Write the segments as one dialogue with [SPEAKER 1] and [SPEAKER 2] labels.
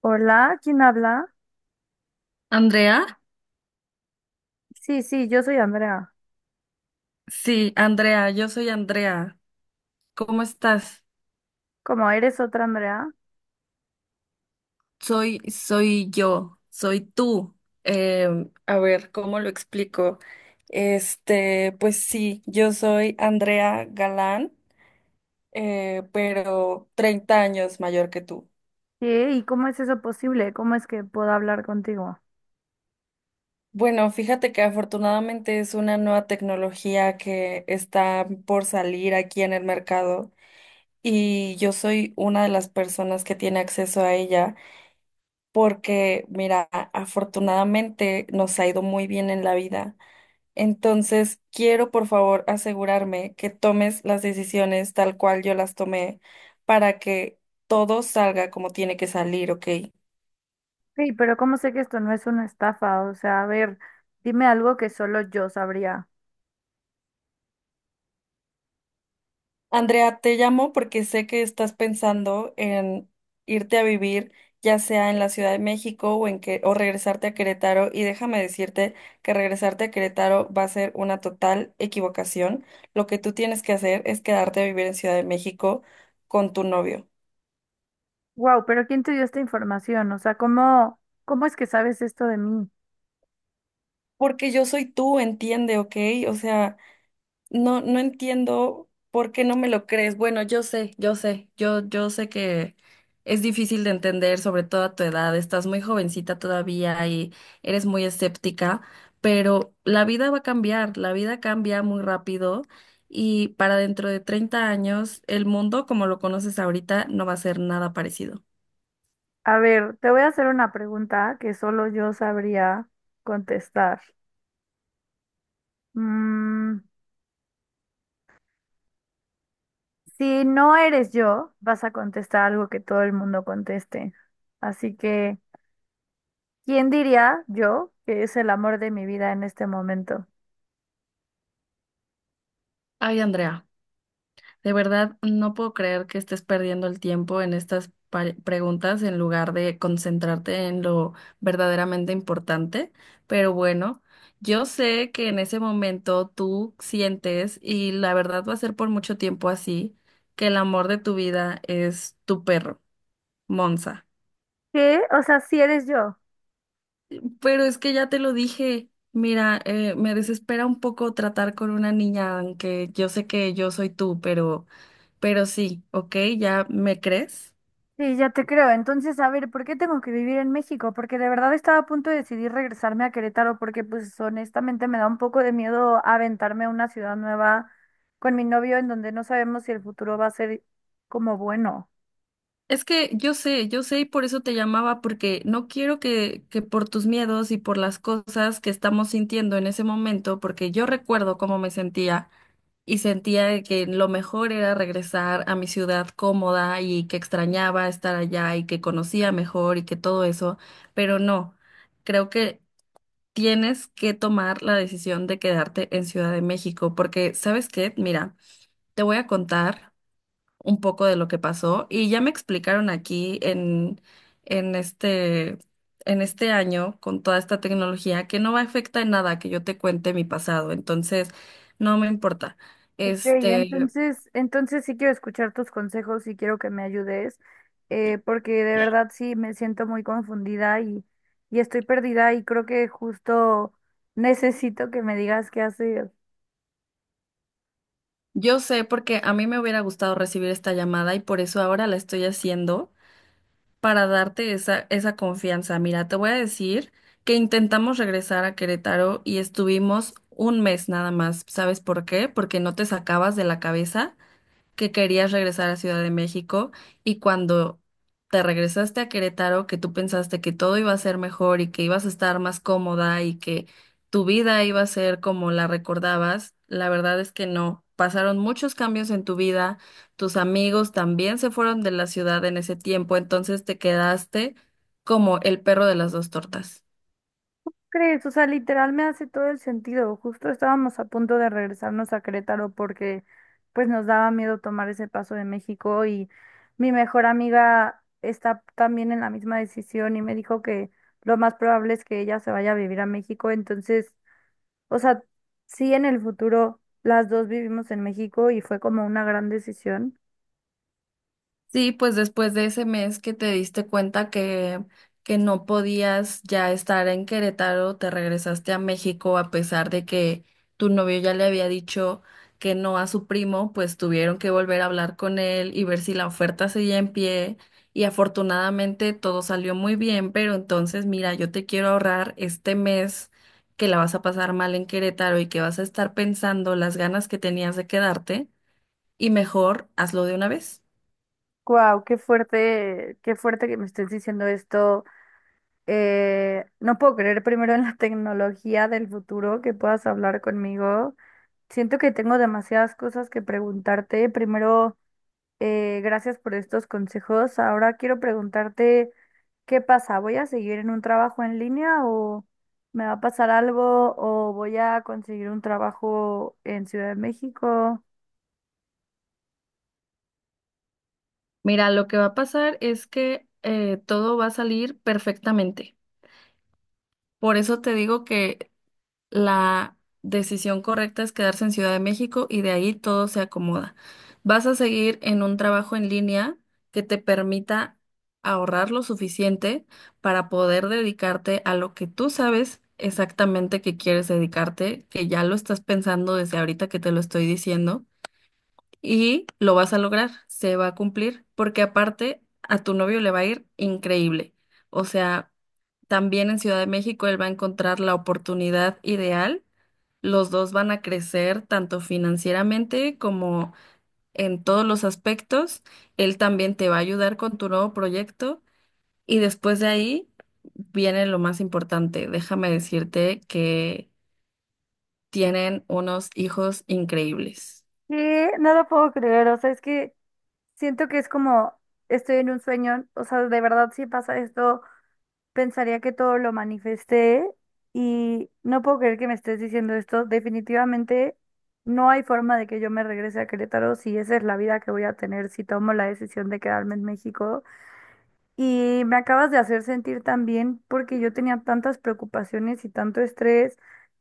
[SPEAKER 1] Hola, ¿quién habla?
[SPEAKER 2] Andrea,
[SPEAKER 1] Sí, sí, yo soy Andrea.
[SPEAKER 2] sí, Andrea, yo soy Andrea. ¿Cómo estás?
[SPEAKER 1] ¿Cómo eres otra Andrea?
[SPEAKER 2] Soy, soy yo, soy tú. A ver, ¿cómo lo explico? Este, pues sí, yo soy Andrea Galán, pero 30 años mayor que tú.
[SPEAKER 1] ¿Qué? ¿Y cómo es eso posible? ¿Cómo es que puedo hablar contigo?
[SPEAKER 2] Bueno, fíjate que afortunadamente es una nueva tecnología que está por salir aquí en el mercado y yo soy una de las personas que tiene acceso a ella. Porque, mira, afortunadamente nos ha ido muy bien en la vida. Entonces, quiero por favor asegurarme que tomes las decisiones tal cual yo las tomé para que todo salga como tiene que salir, ¿ok?
[SPEAKER 1] Sí, pero ¿cómo sé que esto no es una estafa? O sea, a ver, dime algo que solo yo sabría.
[SPEAKER 2] Andrea, te llamo porque sé que estás pensando en irte a vivir, ya sea en la Ciudad de México o en que o regresarte a Querétaro, y déjame decirte que regresarte a Querétaro va a ser una total equivocación. Lo que tú tienes que hacer es quedarte a vivir en Ciudad de México con tu novio,
[SPEAKER 1] Wow, pero ¿quién te dio esta información? O sea, ¿cómo es que sabes esto de mí?
[SPEAKER 2] porque yo soy tú, entiende, ¿ok? O sea, no, no entiendo por qué no me lo crees. Bueno, yo sé, yo sé, yo sé que es difícil de entender, sobre todo a tu edad. Estás muy jovencita todavía y eres muy escéptica, pero la vida va a cambiar, la vida cambia muy rápido y para dentro de 30 años el mundo como lo conoces ahorita no va a ser nada parecido.
[SPEAKER 1] A ver, te voy a hacer una pregunta que solo yo sabría contestar. Mm, si no eres yo, vas a contestar algo que todo el mundo conteste. Así que ¿quién diría yo que es el amor de mi vida en este momento?
[SPEAKER 2] Ay, Andrea. De verdad, no puedo creer que estés perdiendo el tiempo en estas preguntas en lugar de concentrarte en lo verdaderamente importante. Pero bueno, yo sé que en ese momento tú sientes, y la verdad va a ser por mucho tiempo así, que el amor de tu vida es tu perro, Monza.
[SPEAKER 1] ¿Qué? O sea, si eres yo.
[SPEAKER 2] Pero es que ya te lo dije. Mira, me desespera un poco tratar con una niña, aunque yo sé que yo soy tú, pero sí, ¿ok? ¿Ya me crees?
[SPEAKER 1] Sí, ya te creo. Entonces, a ver, ¿por qué tengo que vivir en México? Porque de verdad estaba a punto de decidir regresarme a Querétaro porque, pues, honestamente me da un poco de miedo aventarme a una ciudad nueva con mi novio en donde no sabemos si el futuro va a ser como bueno.
[SPEAKER 2] Es que yo sé y por eso te llamaba, porque no quiero que por tus miedos y por las cosas que estamos sintiendo en ese momento, porque yo recuerdo cómo me sentía y sentía de que lo mejor era regresar a mi ciudad cómoda y que extrañaba estar allá y que conocía mejor y que todo eso, pero no, creo que tienes que tomar la decisión de quedarte en Ciudad de México, porque ¿sabes qué? Mira, te voy a contar un poco de lo que pasó y ya me explicaron aquí en este, en este año con toda esta tecnología que no va a afectar en nada que yo te cuente mi pasado, entonces no me importa.
[SPEAKER 1] Ok,
[SPEAKER 2] Este,
[SPEAKER 1] entonces sí quiero escuchar tus consejos y quiero que me ayudes, porque de verdad sí me siento muy confundida y estoy perdida y creo que justo necesito que me digas qué hacer.
[SPEAKER 2] yo sé porque a mí me hubiera gustado recibir esta llamada y por eso ahora la estoy haciendo para darte esa confianza. Mira, te voy a decir que intentamos regresar a Querétaro y estuvimos un mes nada más. ¿Sabes por qué? Porque no te sacabas de la cabeza que querías regresar a Ciudad de México y cuando te regresaste a Querétaro, que tú pensaste que todo iba a ser mejor y que ibas a estar más cómoda y que tu vida iba a ser como la recordabas, la verdad es que no. Pasaron muchos cambios en tu vida, tus amigos también se fueron de la ciudad en ese tiempo, entonces te quedaste como el perro de las dos tortas.
[SPEAKER 1] ¿Crees? O sea, literal me hace todo el sentido. Justo estábamos a punto de regresarnos a Querétaro porque pues nos daba miedo tomar ese paso de México y mi mejor amiga está también en la misma decisión y me dijo que lo más probable es que ella se vaya a vivir a México, entonces... O sea, sí, en el futuro las dos vivimos en México y fue como una gran decisión.
[SPEAKER 2] Sí, pues después de ese mes que te diste cuenta que no podías ya estar en Querétaro, te regresaste a México a pesar de que tu novio ya le había dicho que no a su primo, pues tuvieron que volver a hablar con él y ver si la oferta seguía en pie. Y afortunadamente todo salió muy bien, pero entonces mira, yo te quiero ahorrar este mes que la vas a pasar mal en Querétaro y que vas a estar pensando las ganas que tenías de quedarte y mejor hazlo de una vez.
[SPEAKER 1] Wow, qué fuerte que me estés diciendo esto. No puedo creer primero en la tecnología del futuro que puedas hablar conmigo. Siento que tengo demasiadas cosas que preguntarte. Primero, gracias por estos consejos. Ahora quiero preguntarte. ¿Qué pasa? ¿Voy a seguir en un trabajo en línea o me va a pasar algo o voy a conseguir un trabajo en Ciudad de México?
[SPEAKER 2] Mira, lo que va a pasar es que todo va a salir perfectamente. Por eso te digo que la decisión correcta es quedarse en Ciudad de México y de ahí todo se acomoda. Vas a seguir en un trabajo en línea que te permita ahorrar lo suficiente para poder dedicarte a lo que tú sabes exactamente que quieres dedicarte, que ya lo estás pensando desde ahorita que te lo estoy diciendo. Y lo vas a lograr, se va a cumplir, porque aparte a tu novio le va a ir increíble. O sea, también en Ciudad de México él va a encontrar la oportunidad ideal. Los dos van a crecer tanto financieramente como en todos los aspectos. Él también te va a ayudar con tu nuevo proyecto. Y después de ahí viene lo más importante. Déjame decirte que tienen unos hijos increíbles.
[SPEAKER 1] ¿Qué? No lo puedo creer, o sea, es que siento que es como estoy en un sueño, o sea, de verdad si pasa esto, pensaría que todo lo manifesté y no puedo creer que me estés diciendo esto. Definitivamente no hay forma de que yo me regrese a Querétaro si esa es la vida que voy a tener si tomo la decisión de quedarme en México. Y me acabas de hacer sentir tan bien porque yo tenía tantas preocupaciones y tanto estrés.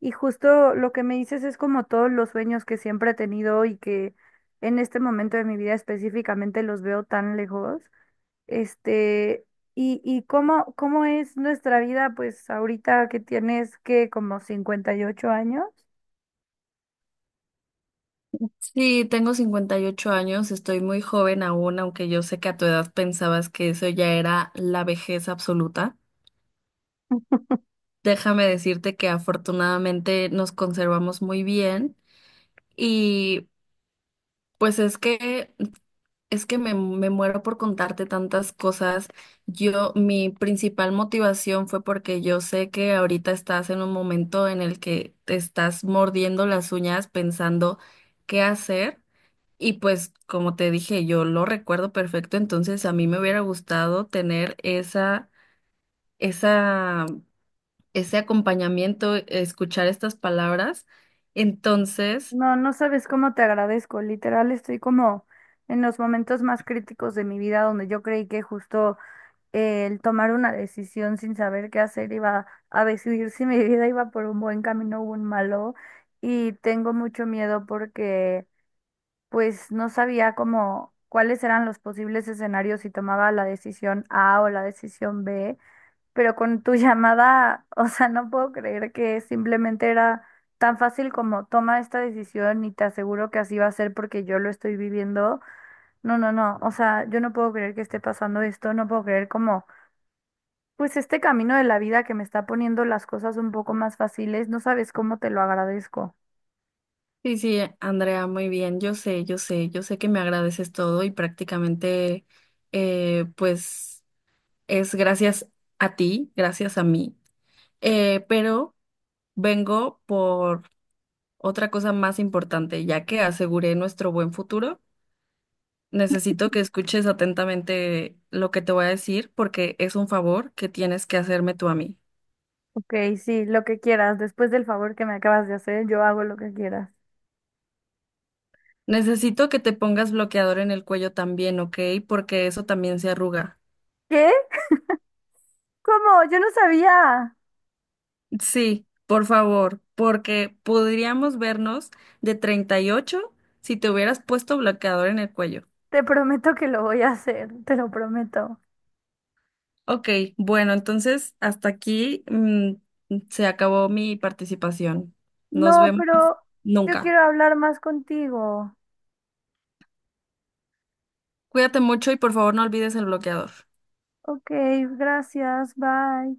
[SPEAKER 1] Y justo lo que me dices es como todos los sueños que siempre he tenido y que en este momento de mi vida específicamente los veo tan lejos. Este, y cómo es nuestra vida, pues ahorita que tienes que como 58 años.
[SPEAKER 2] Sí, tengo 58 años, estoy muy joven aún, aunque yo sé que a tu edad pensabas que eso ya era la vejez absoluta. Déjame decirte que afortunadamente nos conservamos muy bien y pues es que me muero por contarte tantas cosas. Yo, mi principal motivación fue porque yo sé que ahorita estás en un momento en el que te estás mordiendo las uñas pensando qué hacer. Y pues, como te dije, yo lo recuerdo perfecto, entonces a mí me hubiera gustado tener esa, ese acompañamiento, escuchar estas palabras. Entonces,
[SPEAKER 1] No, no sabes cómo te agradezco. Literal, estoy como en los momentos más críticos de mi vida donde yo creí que justo el tomar una decisión sin saber qué hacer iba a decidir si mi vida iba por un buen camino o un malo y tengo mucho miedo porque pues no sabía cómo cuáles eran los posibles escenarios si tomaba la decisión A o la decisión B, pero con tu llamada, o sea, no puedo creer que simplemente era tan fácil como toma esta decisión y te aseguro que así va a ser porque yo lo estoy viviendo. No, no, no, o sea, yo no puedo creer que esté pasando esto, no puedo creer cómo pues este camino de la vida que me está poniendo las cosas un poco más fáciles, no sabes cómo te lo agradezco.
[SPEAKER 2] sí, sí, Andrea, muy bien, yo sé, yo sé, yo sé que me agradeces todo y prácticamente, pues, es gracias a ti, gracias a mí. Pero vengo por otra cosa más importante, ya que aseguré nuestro buen futuro. Necesito que escuches atentamente lo que te voy a decir porque es un favor que tienes que hacerme tú a mí.
[SPEAKER 1] Ok, sí, lo que quieras. Después del favor que me acabas de hacer, yo hago lo que quieras.
[SPEAKER 2] Necesito que te pongas bloqueador en el cuello también, ¿ok? Porque eso también se arruga.
[SPEAKER 1] ¿Qué? ¿Cómo? Yo no sabía.
[SPEAKER 2] Sí, por favor, porque podríamos vernos de 38 si te hubieras puesto bloqueador en el cuello.
[SPEAKER 1] Te prometo que lo voy a hacer, te lo prometo.
[SPEAKER 2] Ok, bueno, entonces hasta aquí se acabó mi participación. Nos
[SPEAKER 1] No,
[SPEAKER 2] vemos
[SPEAKER 1] pero yo
[SPEAKER 2] nunca.
[SPEAKER 1] quiero hablar más contigo.
[SPEAKER 2] Cuídate mucho y por favor no olvides el bloqueador.
[SPEAKER 1] Ok, gracias, bye.